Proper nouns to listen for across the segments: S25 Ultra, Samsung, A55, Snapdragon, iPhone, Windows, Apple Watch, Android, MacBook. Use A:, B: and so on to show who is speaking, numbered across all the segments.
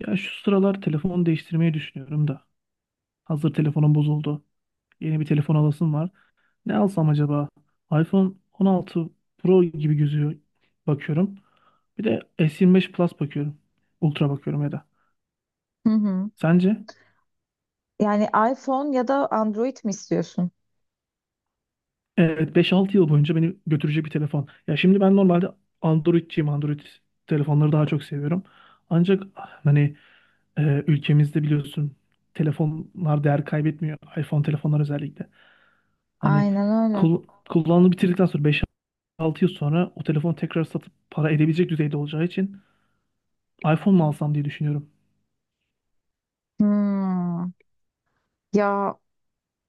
A: Ya şu sıralar telefon değiştirmeyi düşünüyorum da. Hazır telefonum bozuldu. Yeni bir telefon alasım var. Ne alsam acaba? iPhone 16 Pro gibi gözüyor bakıyorum. Bir de S25 Plus bakıyorum. Ultra bakıyorum ya da.
B: Hı hı.
A: Sence?
B: Yani iPhone ya da Android mi istiyorsun?
A: Evet, 5-6 yıl boyunca beni götürecek bir telefon. Ya şimdi ben normalde Android'ciyim. Android telefonları daha çok seviyorum. Ancak hani ülkemizde biliyorsun telefonlar değer kaybetmiyor. iPhone telefonlar özellikle. Hani
B: Aynen öyle.
A: kul kullanımı bitirdikten sonra 5-6 yıl sonra o telefonu tekrar satıp para edebilecek düzeyde olacağı için iPhone mu alsam diye düşünüyorum.
B: Hmm. Ya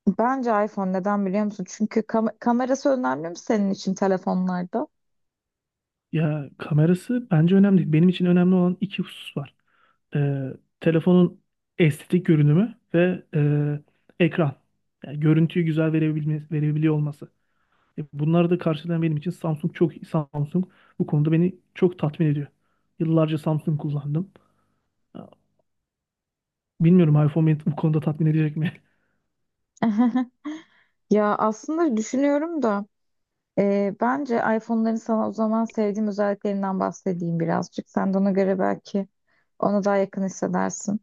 B: bence iPhone neden biliyor musun? Çünkü kamerası önemli mi senin için telefonlarda?
A: Ya kamerası bence önemli değil. Benim için önemli olan iki husus var. Ee, telefonun estetik görünümü ve ekran. Yani görüntüyü güzel verebiliyor olması. Bunları da karşılayan benim için Samsung çok iyi. Samsung bu konuda beni çok tatmin ediyor. Yıllarca Samsung kullandım. Ya, bilmiyorum, iPhone beni bu konuda tatmin edecek mi?
B: Ya aslında düşünüyorum da. Bence iPhone'ların sana o zaman sevdiğim özelliklerinden bahsedeyim birazcık. Sen de ona göre belki ona daha yakın hissedersin.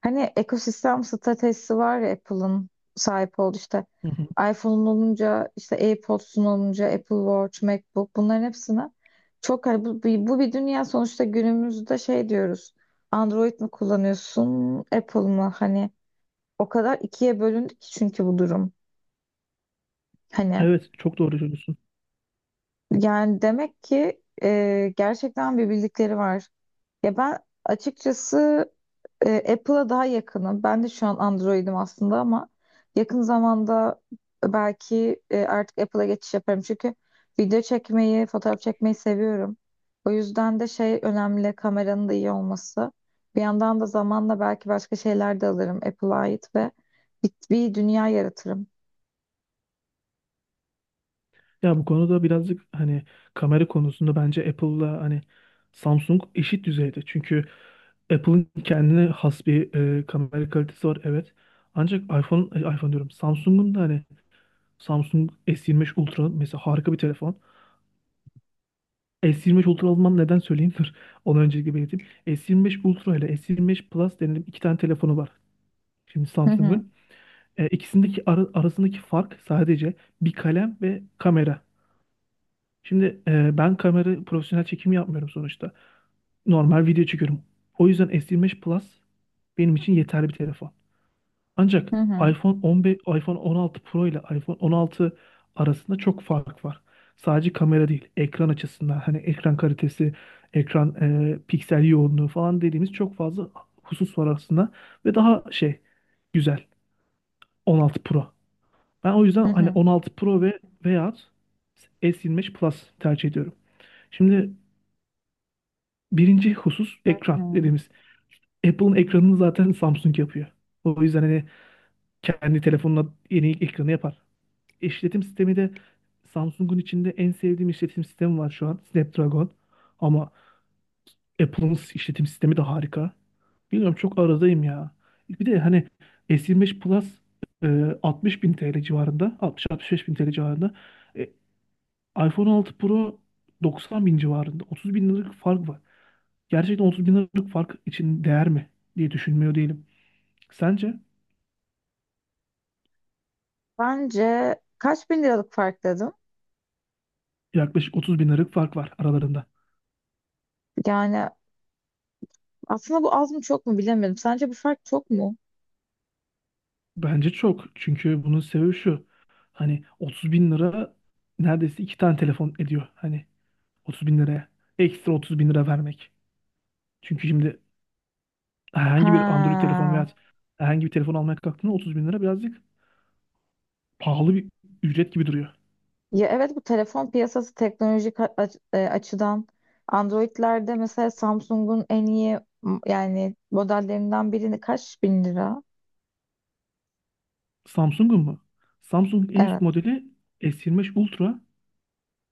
B: Hani ekosistem stratejisi var ya Apple'ın sahip olduğu işte
A: Hı hı.
B: iPhone'un olunca işte AirPods'un olunca Apple Watch, MacBook bunların hepsine çok hani bu bir dünya sonuçta günümüzde şey diyoruz. Android mi kullanıyorsun, Apple mı? Hani o kadar ikiye bölündü ki çünkü bu durum. Hani
A: Evet, çok doğru söylüyorsun.
B: yani demek ki gerçekten bir bildikleri var. Ya ben açıkçası Apple'a daha yakınım. Ben de şu an Android'im aslında ama yakın zamanda belki artık Apple'a geçiş yaparım. Çünkü video çekmeyi, fotoğraf çekmeyi seviyorum. O yüzden de şey önemli, kameranın da iyi olması. Bir yandan da zamanla belki başka şeyler de alırım Apple'a ait ve bir dünya yaratırım.
A: Ya bu konuda birazcık hani kamera konusunda bence Apple'la hani Samsung eşit düzeyde. Çünkü Apple'ın kendine has bir kamera kalitesi var, evet. Ancak iPhone diyorum. Samsung'un da hani Samsung S25 Ultra mesela harika bir telefon. S25 Ultra almam neden, söyleyeyim dur. Onu öncelikle belirteyim. S25 Ultra ile S25 Plus denilen iki tane telefonu var şimdi
B: Hı hı,
A: Samsung'un. İkisindeki arasındaki fark sadece bir kalem ve kamera. Şimdi ben kamera profesyonel çekim yapmıyorum sonuçta. Normal video çekiyorum. O yüzden S25 Plus benim için yeterli bir telefon. Ancak
B: hı hı,
A: iPhone 15, iPhone 16 Pro ile iPhone 16 arasında çok fark var. Sadece kamera değil, ekran açısından, hani ekran kalitesi, ekran piksel yoğunluğu falan dediğimiz çok fazla husus var arasında ve daha şey güzel 16 Pro. Ben o yüzden
B: hı
A: hani
B: hı,
A: 16 Pro ve veyahut S25 Plus tercih ediyorum. Şimdi birinci husus
B: hı
A: ekran
B: hı.
A: dediğimiz. Apple'ın ekranını zaten Samsung yapıyor. O yüzden hani kendi telefonuna yeni ekranı yapar. İşletim sistemi de, Samsung'un içinde en sevdiğim işletim sistemi var şu an. Snapdragon. Ama Apple'ın işletim sistemi de harika. Bilmiyorum, çok aradayım ya. Bir de hani S25 Plus 60 bin TL civarında. 60-65 bin TL civarında. E, iPhone 6 Pro 90 bin civarında. 30 bin liralık fark var. Gerçekten 30 bin liralık fark için değer mi diye düşünmüyor değilim. Sence?
B: Bence kaç bin liralık fark dedim.
A: Yaklaşık 30 bin liralık fark var aralarında.
B: Yani aslında bu az mı çok mu bilemedim. Sence bu fark çok mu?
A: Bence çok. Çünkü bunun sebebi şu. Hani 30 bin lira neredeyse iki tane telefon ediyor. Hani 30 bin liraya. Ekstra 30 bin lira vermek. Çünkü şimdi herhangi bir Android
B: Ha.
A: telefon veya herhangi bir telefon almaya kalktığında 30 bin lira birazcık pahalı bir ücret gibi duruyor.
B: Ya evet, bu telefon piyasası teknolojik açıdan Android'lerde mesela Samsung'un en iyi yani modellerinden birini kaç bin lira?
A: Samsung'un mu? Samsung en üst
B: Evet.
A: modeli S25 Ultra.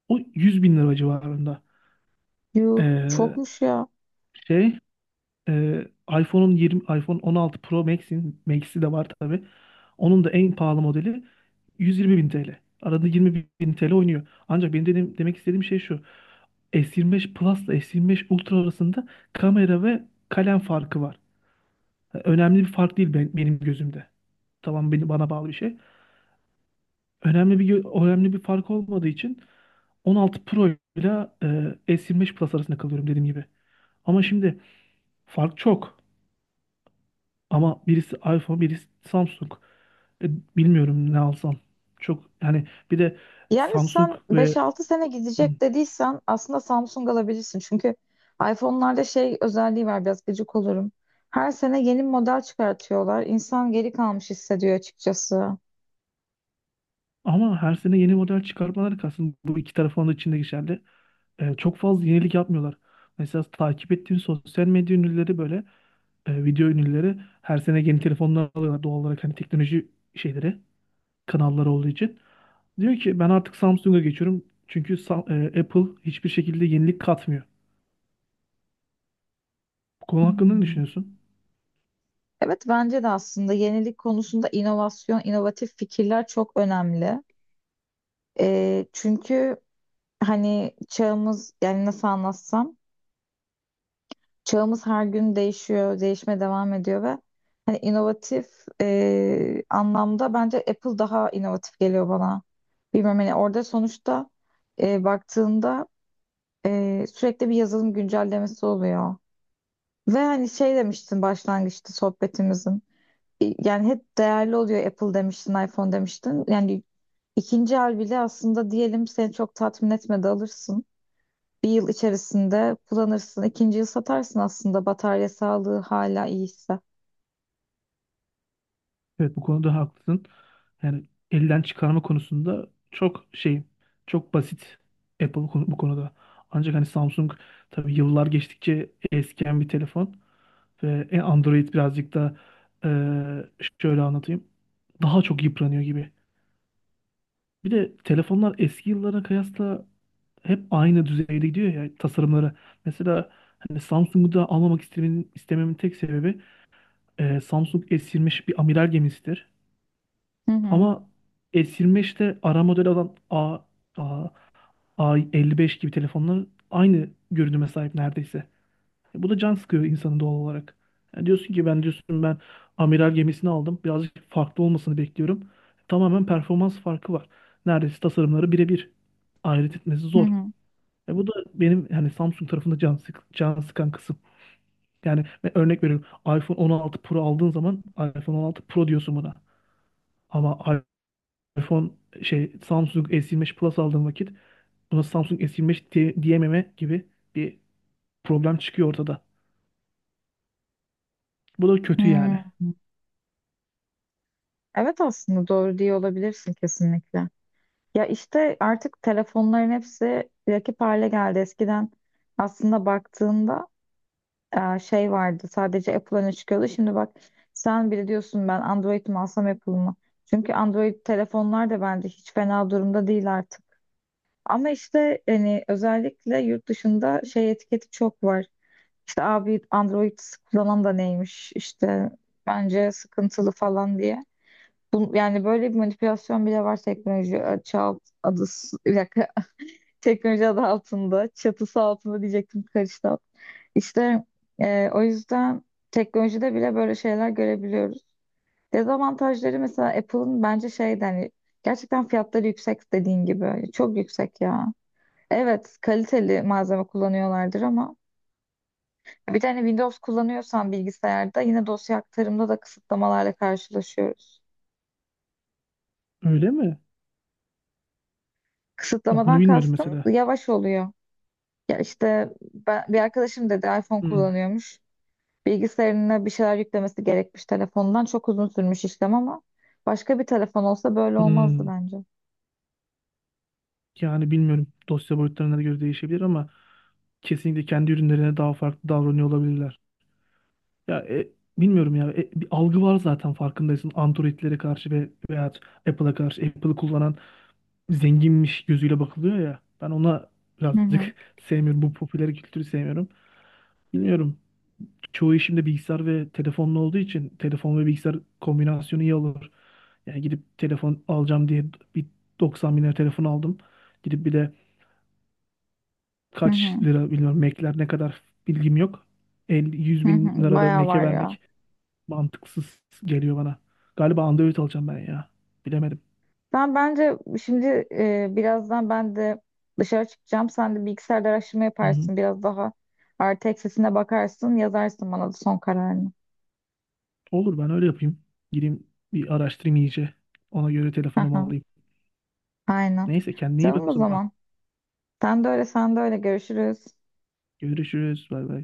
A: O 100 bin lira civarında.
B: Yuh
A: Ee,
B: çokmuş ya.
A: şey Ee, iPhone'un 20 iPhone 16 Pro Max'in Max'i de var tabii. Onun da en pahalı modeli 120 bin TL. Arada 20 bin TL oynuyor. Ancak benim dediğim, demek istediğim şey şu. S25 Plus ile S25 Ultra arasında kamera ve kalem farkı var. Önemli bir fark değil benim gözümde. Tamam, bana bağlı bir şey. Önemli bir fark olmadığı için 16 Pro ile S25 Plus arasında kalıyorum dediğim gibi. Ama şimdi fark çok. Ama birisi iPhone, birisi Samsung. E, bilmiyorum ne alsam. Çok yani bir de
B: Yani
A: Samsung
B: sen beş
A: ve.
B: altı sene
A: Hı.
B: gidecek dediysen aslında Samsung alabilirsin. Çünkü iPhone'larda şey özelliği var, biraz gıcık olurum. Her sene yeni model çıkartıyorlar. İnsan geri kalmış hissediyor açıkçası.
A: Ama her sene yeni model çıkarmaları kalsın. Bu iki tarafın da içinde geçerli. Çok fazla yenilik yapmıyorlar. Mesela takip ettiğim sosyal medya ünlüleri, böyle video ünlüleri her sene yeni telefonlar alıyorlar doğal olarak, hani teknoloji şeyleri kanalları olduğu için. Diyor ki ben artık Samsung'a geçiyorum çünkü Apple hiçbir şekilde yenilik katmıyor. Bu konu hakkında ne
B: Hmm.
A: düşünüyorsun?
B: Evet, bence de aslında yenilik konusunda inovasyon, inovatif fikirler çok önemli. Çünkü hani çağımız, yani nasıl anlatsam, çağımız her gün değişiyor, değişmeye devam ediyor ve hani inovatif anlamda bence Apple daha inovatif geliyor bana. Bilmiyorum, hani orada sonuçta baktığında sürekli bir yazılım güncellemesi oluyor. Ve hani şey demiştin başlangıçta sohbetimizin. Yani hep değerli oluyor Apple demiştin, iPhone demiştin. Yani ikinci el bile aslında diyelim seni çok tatmin etmedi, alırsın. Bir yıl içerisinde kullanırsın. İkinci yıl satarsın aslında, batarya sağlığı hala iyiyse.
A: Evet, bu konuda haklısın. Yani elden çıkarma konusunda çok şey, çok basit Apple bu konuda. Ancak hani Samsung tabii yıllar geçtikçe eskiyen bir telefon ve Android birazcık da e, şöyle anlatayım. Daha çok yıpranıyor gibi. Bir de telefonlar eski yıllara kıyasla hep aynı düzeyde gidiyor ya tasarımları. Mesela hani Samsung'u da almamak istememin tek sebebi, Samsung S25 bir amiral gemisidir.
B: Hı hı,
A: Ama S25'te ara model olan A, A55 gibi telefonlar aynı görünüme sahip neredeyse. Bu da can sıkıyor insanı doğal olarak. Yani diyorsun ki ben, diyorsun ben amiral gemisini aldım. Birazcık farklı olmasını bekliyorum. Tamamen performans farkı var. Neredeyse tasarımları birebir. Ayırt etmesi
B: hı
A: zor.
B: hı.
A: Bu da benim hani Samsung tarafında can sıkan kısım. Yani ben örnek veriyorum. iPhone 16 Pro aldığın zaman iPhone 16 Pro diyorsun buna. Ama iPhone şey Samsung S25 Plus aldığım vakit buna Samsung S25 diyememe gibi bir problem çıkıyor ortada. Bu da kötü yani.
B: Hmm. Evet, aslında doğru diye olabilirsin kesinlikle. Ya işte artık telefonların hepsi rakip hale geldi. Eskiden aslında baktığında şey vardı, sadece Apple öne çıkıyordu. Şimdi bak, sen bile diyorsun ben Android mi alsam Apple mı? Çünkü Android telefonlar da bence hiç fena durumda değil artık. Ama işte hani özellikle yurt dışında şey etiketi çok var. İşte abi Android kullanan da neymiş işte bence sıkıntılı falan diye. Bu, yani böyle bir manipülasyon bile var teknoloji çağ adı, bir dakika, teknoloji adı altında, çatısı altında diyecektim, karıştı. İşte o yüzden teknolojide bile böyle şeyler görebiliyoruz. Dezavantajları mesela Apple'ın bence şeyden hani gerçekten fiyatları yüksek dediğin gibi. Çok yüksek ya. Evet, kaliteli malzeme kullanıyorlardır ama bir tane Windows kullanıyorsan bilgisayarda yine dosya aktarımda da kısıtlamalarla karşılaşıyoruz.
A: Öyle mi? Bak bunu
B: Kısıtlamadan
A: bilmiyordum
B: kastım
A: mesela.
B: yavaş oluyor. Ya işte ben, bir arkadaşım dedi iPhone
A: Hmm,
B: kullanıyormuş. Bilgisayarına bir şeyler yüklemesi gerekmiş telefondan. Çok uzun sürmüş işlem ama başka bir telefon olsa böyle olmazdı
A: hmm.
B: bence.
A: Yani bilmiyorum. Dosya boyutlarına göre değişebilir ama kesinlikle kendi ürünlerine daha farklı davranıyor olabilirler. Ya bilmiyorum ya. Bir algı var zaten farkındaysın. Android'lere karşı veya Apple'a karşı, Apple'ı kullanan zenginmiş gözüyle bakılıyor ya. Ben ona
B: Hı hı,
A: birazcık sevmiyorum. Bu popüler kültürü sevmiyorum. Bilmiyorum. Çoğu işimde bilgisayar ve telefonla olduğu için telefon ve bilgisayar kombinasyonu iyi olur. Yani gidip telefon alacağım diye bir 90 bin lira telefon aldım. Gidip bir de
B: hı hı,
A: kaç lira bilmiyorum, Mac'ler ne kadar bilgim yok. 50, 100
B: hı
A: bin
B: hı.
A: lira da
B: Bayağı
A: Mac'e
B: var ya.
A: vermek mantıksız geliyor bana. Galiba Android alacağım ben ya. Bilemedim.
B: Ben bence şimdi birazdan ben de dışarı çıkacağım. Sen de bilgisayarda araştırma
A: Hı hı.
B: yaparsın. Biraz daha artı eksisine bakarsın. Yazarsın bana da son kararını.
A: Olur, ben öyle yapayım. Gireyim bir araştırayım iyice. Ona göre telefonumu
B: Aha,
A: alayım.
B: aynen.
A: Neyse, kendine iyi bak
B: Tamam
A: o
B: o
A: zaman.
B: zaman. Sen de öyle, sen de öyle. Görüşürüz.
A: Görüşürüz. Bay bay.